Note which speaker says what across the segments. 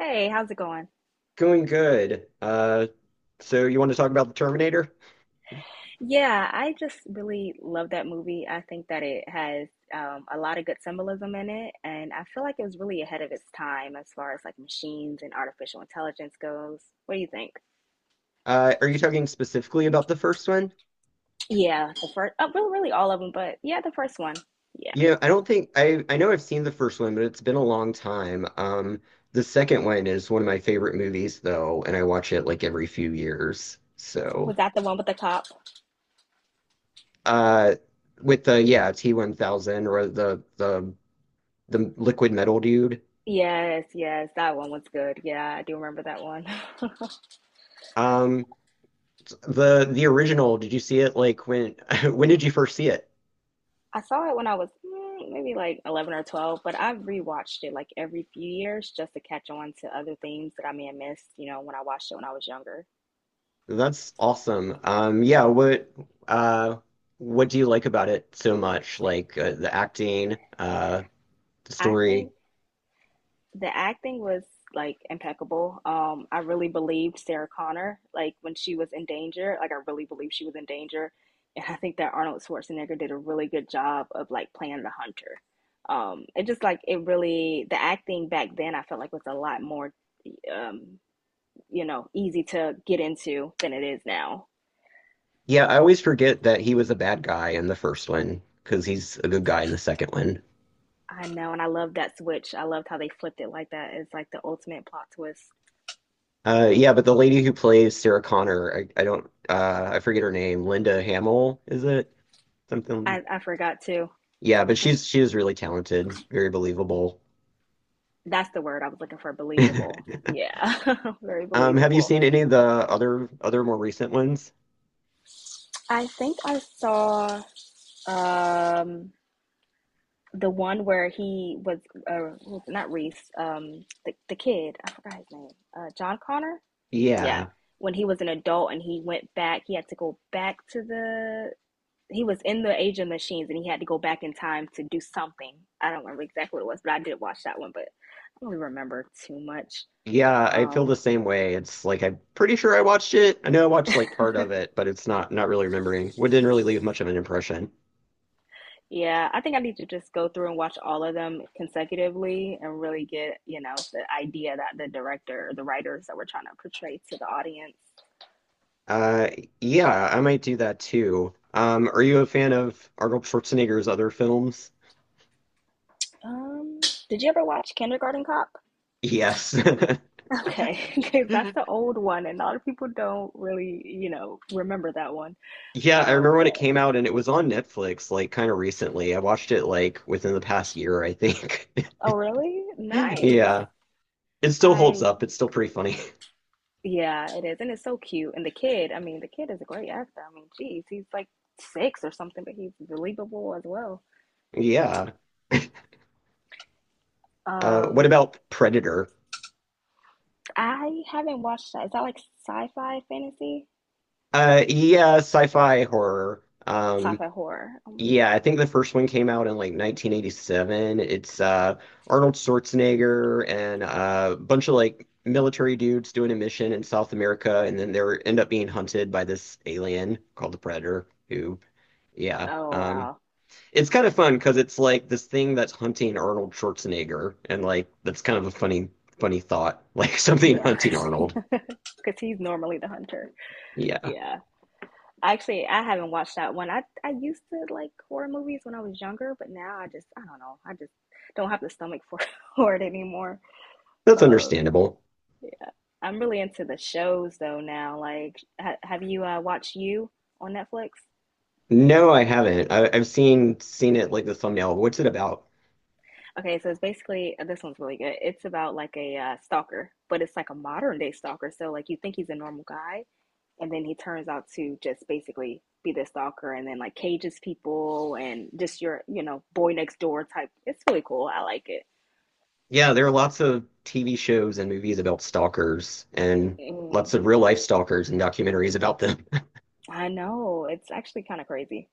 Speaker 1: Hey, how's it going?
Speaker 2: Going good. So you want to talk about the Terminator?
Speaker 1: Yeah, I just really love that movie. I think that it has a lot of good symbolism in it, and I feel like it was really ahead of its time as far as like machines and artificial intelligence goes. What do you think?
Speaker 2: Are you talking specifically about the first one?
Speaker 1: Yeah, the first, really all of them, but yeah, the first one. Yeah.
Speaker 2: You know, I don't think I know I've seen the first one, but it's been a long time. The second one is one of my favorite movies though, and I watch it like every few years.
Speaker 1: Was
Speaker 2: So,
Speaker 1: that the one with the cop?
Speaker 2: uh, with the yeah, T-1000 or the liquid metal dude.
Speaker 1: Yes, yes, that one was good. Yeah, I do remember that one.
Speaker 2: Um, the original, did you see it like when when did you first see it?
Speaker 1: I saw it when I was maybe like 11 or 12, but I've rewatched it like every few years just to catch on to other things that I may have missed, you know, when I watched it when I was younger.
Speaker 2: That's awesome. Yeah, uh what do you like about it so much? Like the acting, the
Speaker 1: I
Speaker 2: story.
Speaker 1: think the acting was like impeccable. I really believed Sarah Connor, like when she was in danger, like I really believed she was in danger. And I think that Arnold Schwarzenegger did a really good job of like playing the hunter. It just like it really the acting back then I felt like was a lot more um you know, easy to get into than it is now.
Speaker 2: Yeah, I always forget that he was a bad guy in the first one because he's a good guy in the second one.
Speaker 1: I know, and I love that switch. I loved how they flipped it like that. It's like the ultimate plot twist.
Speaker 2: Yeah, but the lady who plays Sarah Connor, I don't I forget her name. Linda Hamill, is it? Something.
Speaker 1: I forgot to.
Speaker 2: Yeah, but she is really talented, very believable.
Speaker 1: That's the word I was looking for. Believable. Yeah, very
Speaker 2: Have you
Speaker 1: believable.
Speaker 2: seen any of the other more recent ones?
Speaker 1: I think I saw um, the one where he was uh, not Reese, the kid. I forgot his name. John Connor. Yeah,
Speaker 2: Yeah.
Speaker 1: when he was an adult and he went back, he had to go back to the he was in the Age of Machines and he had to go back in time to do something. I don't remember exactly what it was, but I did watch that one, but I don't really remember too much.
Speaker 2: Yeah, I feel
Speaker 1: Um,
Speaker 2: the same way. It's like I'm pretty sure I watched it. I know I watched like part of it, but it's not really remembering. What didn't really leave much of an impression.
Speaker 1: yeah, I think I need to just go through and watch all of them consecutively and really get, you know, the idea that the director, the writers that we're trying to portray to the audience.
Speaker 2: Uh, yeah, I might do that too. Are you a fan of Arnold Schwarzenegger's other films?
Speaker 1: Um, did you ever watch Kindergarten Cop?
Speaker 2: Yes.
Speaker 1: Okay, because that's the old one, and a lot of people don't really, you know, remember that one.
Speaker 2: Yeah, I remember when
Speaker 1: But
Speaker 2: it came out and it was on Netflix like kind of recently. I watched it like within the past year, I think.
Speaker 1: oh, really? Nice.
Speaker 2: Yeah. It still
Speaker 1: I
Speaker 2: holds up. It's still pretty funny.
Speaker 1: Yeah, it is. And it's so cute. And the kid, I mean, the kid is a great actor. I mean, geez, he's like six or something, but he's believable as well.
Speaker 2: Yeah. What
Speaker 1: Um,
Speaker 2: about Predator?
Speaker 1: I haven't watched that. Is that like sci-fi fantasy?
Speaker 2: Yeah, sci-fi horror.
Speaker 1: Sci-fi horror.
Speaker 2: Yeah, I think the first one came out in like 1987. It's Arnold Schwarzenegger and a bunch of like military dudes doing a mission in South America, and then they are end up being hunted by this alien called the Predator. Who, yeah,
Speaker 1: Oh wow.
Speaker 2: it's kind of fun because it's like this thing that's hunting Arnold Schwarzenegger, and like that's kind of a funny, funny thought, like something
Speaker 1: Yeah,
Speaker 2: hunting Arnold.
Speaker 1: because he's normally the hunter.
Speaker 2: Yeah,
Speaker 1: Yeah. Actually, I haven't watched that one. I used to like horror movies when I was younger, but now I don't know. I just don't have the stomach for for it anymore.
Speaker 2: that's
Speaker 1: Uh,
Speaker 2: understandable.
Speaker 1: Yeah. I'm really into the shows though now. Like, ha have you watched You on Netflix?
Speaker 2: No, I haven't. I've seen it like the thumbnail. What's it about?
Speaker 1: Okay, so it's basically this one's really good. It's about like a stalker, but it's like a modern day stalker. So like you think he's a normal guy, and then he turns out to just basically be the stalker, and then like cages people and just your you know boy next door type. It's really cool. I like it.
Speaker 2: Yeah, there are lots of TV shows and movies about stalkers and
Speaker 1: Mm,
Speaker 2: lots of real life stalkers and documentaries about them.
Speaker 1: I know it's actually kind of crazy.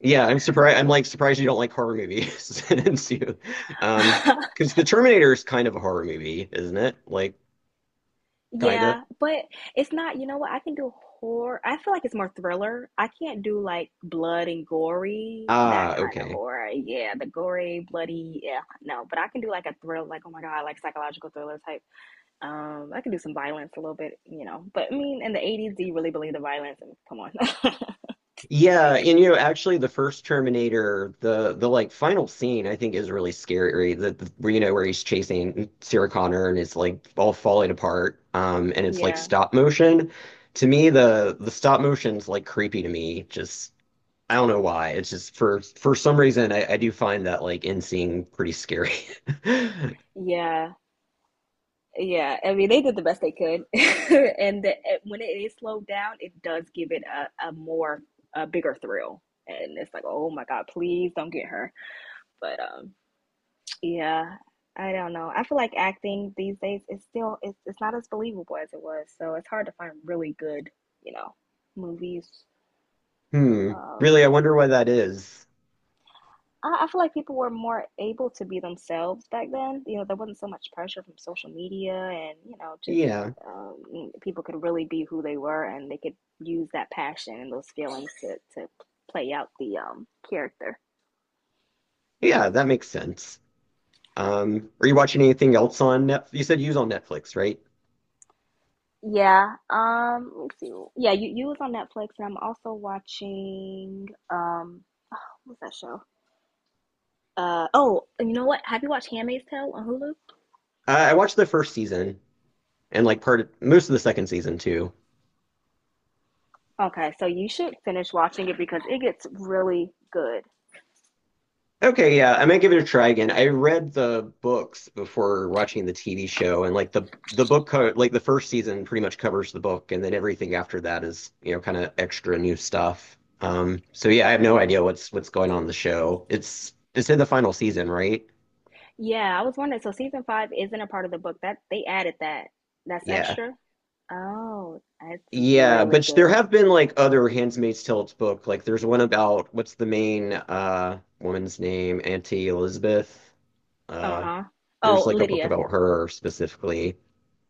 Speaker 2: Yeah, I'm surprised. I'm like surprised you don't like horror movies. Since you, um, because The Terminator is kind of a horror movie, isn't it? Like, kind of.
Speaker 1: Yeah, but it's not, you know what? I can do horror. I feel like it's more thriller. I can't do like blood and gory, that
Speaker 2: Ah,
Speaker 1: kind of
Speaker 2: okay.
Speaker 1: horror. Yeah, the gory, bloody, yeah, no. But I can do like a thrill, like oh my God, like psychological thriller type. I can do some violence a little bit, you know. But I mean, in the 80s, do you really believe the violence? And come on.
Speaker 2: Yeah,
Speaker 1: Like,
Speaker 2: and you know, actually, the first Terminator, the like final scene, I think is really scary. The Where, you know where he's chasing Sarah Connor and it's like all falling apart, and it's like
Speaker 1: yeah,
Speaker 2: stop motion. To me, the stop motion's like creepy to me. Just I don't know why. It's just for some reason I do find that like end scene pretty scary.
Speaker 1: yeah. Yeah, I mean, they did the best they could, and when it is slowed down, it does give it a more a bigger thrill, and it's like, oh my God, please don't get her. But yeah, I don't know. I feel like acting these days is still it's not as believable as it was, so it's hard to find really good, you know, movies.
Speaker 2: Hmm.
Speaker 1: Um,
Speaker 2: Really, I wonder why that is.
Speaker 1: I feel like people were more able to be themselves back then. You know, there wasn't so much pressure from social media, and you know, just
Speaker 2: Yeah,
Speaker 1: people could really be who they were, and they could use that passion and those feelings to play out the character.
Speaker 2: yeah, that makes sense. Are you watching anything else on Netflix? You said you was on Netflix, right?
Speaker 1: Yeah. Let's see. Yeah, you was on Netflix, and I'm also watching. What's that show? Oh, and you know what? Have you watched Handmaid's Tale on Hulu?
Speaker 2: I watched the first season and like part of, most of the second season too.
Speaker 1: Okay, so you should finish watching it because it gets really good.
Speaker 2: Okay, yeah, I might give it a try again. I read the books before watching the TV show, and like the book co like the first season pretty much covers the book, and then everything after that is you know kind of extra new stuff. So yeah, I have no idea what's going on in the show. It's in the final season, right?
Speaker 1: Yeah, I was wondering. So season five isn't a part of the book. That they added that. That's
Speaker 2: Yeah.
Speaker 1: extra. Oh, that's
Speaker 2: Yeah,
Speaker 1: really
Speaker 2: but there
Speaker 1: good.
Speaker 2: have been like other Handmaid's Tale's book. Like there's one about what's the main woman's name? Auntie Elizabeth. Uh,
Speaker 1: Uh-huh.
Speaker 2: there's
Speaker 1: Oh,
Speaker 2: like a book
Speaker 1: Lydia.
Speaker 2: about her specifically.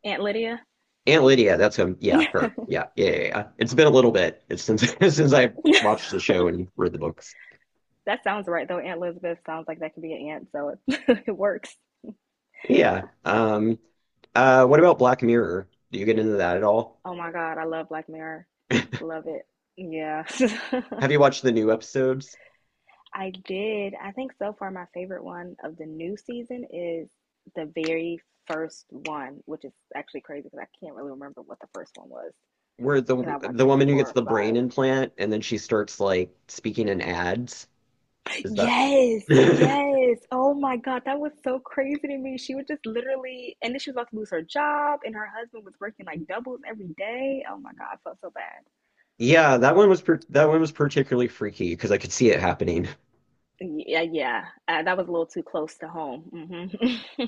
Speaker 1: Aunt Lydia.
Speaker 2: Aunt Lydia, that's him. Yeah, her. Yeah, yeah, yeah, yeah. It's been a little bit It's since since I've watched the show and read the books.
Speaker 1: That sounds right though. Aunt Elizabeth sounds like that could be an aunt, so it, it works.
Speaker 2: Yeah. What about Black Mirror? Do you get into that at all?
Speaker 1: Oh my God, I love Black Mirror. Love it. Yeah.
Speaker 2: Have you watched the new episodes
Speaker 1: I did. I think so far my favorite one of the new season is the very first one, which is actually crazy because I can't really remember what the first one was.
Speaker 2: where
Speaker 1: And
Speaker 2: the
Speaker 1: I watched
Speaker 2: the
Speaker 1: like
Speaker 2: woman who
Speaker 1: four
Speaker 2: gets
Speaker 1: or
Speaker 2: the brain
Speaker 1: five.
Speaker 2: implant and then she starts like speaking in ads? Is that?
Speaker 1: Yes, yes. Oh my God, that was so crazy to me. She was just literally, and then she was about to lose her job, and her husband was working like doubles every day. Oh my God, I felt so bad.
Speaker 2: Yeah, that one was particularly freaky because I could see it happening.
Speaker 1: Yeah, yeah, that was a little too close to home. Hmm.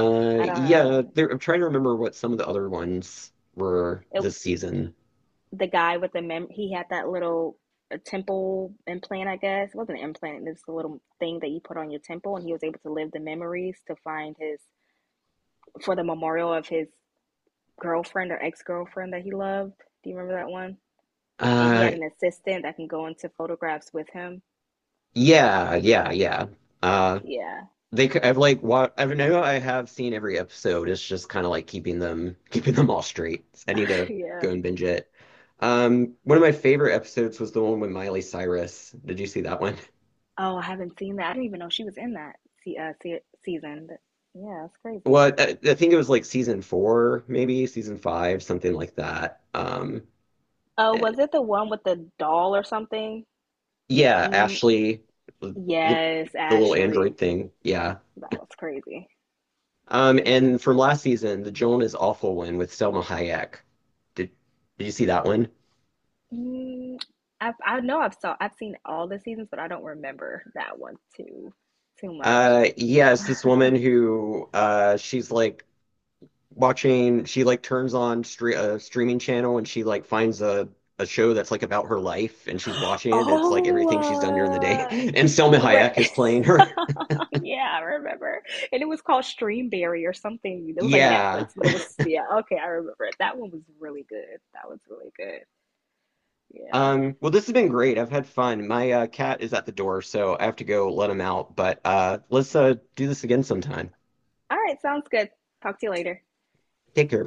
Speaker 1: I
Speaker 2: Yeah,
Speaker 1: don't.
Speaker 2: there, I'm trying to remember what some of the other ones were
Speaker 1: It,
Speaker 2: this season.
Speaker 1: the guy with the mem, he had that little temple implant, I guess. It wasn't an implant. It's a little thing that you put on your temple, and he was able to live the memories to find his for the memorial of his girlfriend or ex girlfriend that he loved. Do you remember that one? And he
Speaker 2: Uh,
Speaker 1: had an assistant that can go into photographs with him.
Speaker 2: yeah, yeah, yeah. Uh,
Speaker 1: Yeah,
Speaker 2: they could, I've like what I know I have seen every episode. It's just kind of like keeping them keeping them all straight. I need to
Speaker 1: yeah.
Speaker 2: go and binge it. One of my favorite episodes was the one with Miley Cyrus. Did you see that one?
Speaker 1: Oh, I haven't seen that. I didn't even know she was in that season. But yeah, that's crazy.
Speaker 2: Well, I think it was like season four, maybe season five, something like that.
Speaker 1: Oh,
Speaker 2: Eh,
Speaker 1: was it the one with the doll or something?
Speaker 2: Yeah,
Speaker 1: Mm,
Speaker 2: Ashley, the the
Speaker 1: yes,
Speaker 2: little
Speaker 1: Ashley.
Speaker 2: android thing. Yeah.
Speaker 1: That was crazy.
Speaker 2: And from last season, the Joan is Awful one with Selma Hayek. Did did you see that one?
Speaker 1: Mm, I know I've seen all the seasons, but I don't remember that one too much.
Speaker 2: Yes, this woman who she's like watching. She like turns on stre a streaming channel and she like finds a show that's like about her life and she's watching it. It's like everything she's done during the day,
Speaker 1: Oh,
Speaker 2: and Selma
Speaker 1: where,
Speaker 2: Hayek is playing her.
Speaker 1: yeah, I remember. And it was called Streamberry or something. It was like
Speaker 2: Yeah.
Speaker 1: Netflix, but it was, yeah, okay, I remember it. That one was really good. That was really good. Yeah.
Speaker 2: Well, this has been great. I've had fun. My cat is at the door, so I have to go let him out. But let's do this again sometime.
Speaker 1: All right, sounds good. Talk to you later.
Speaker 2: Take care.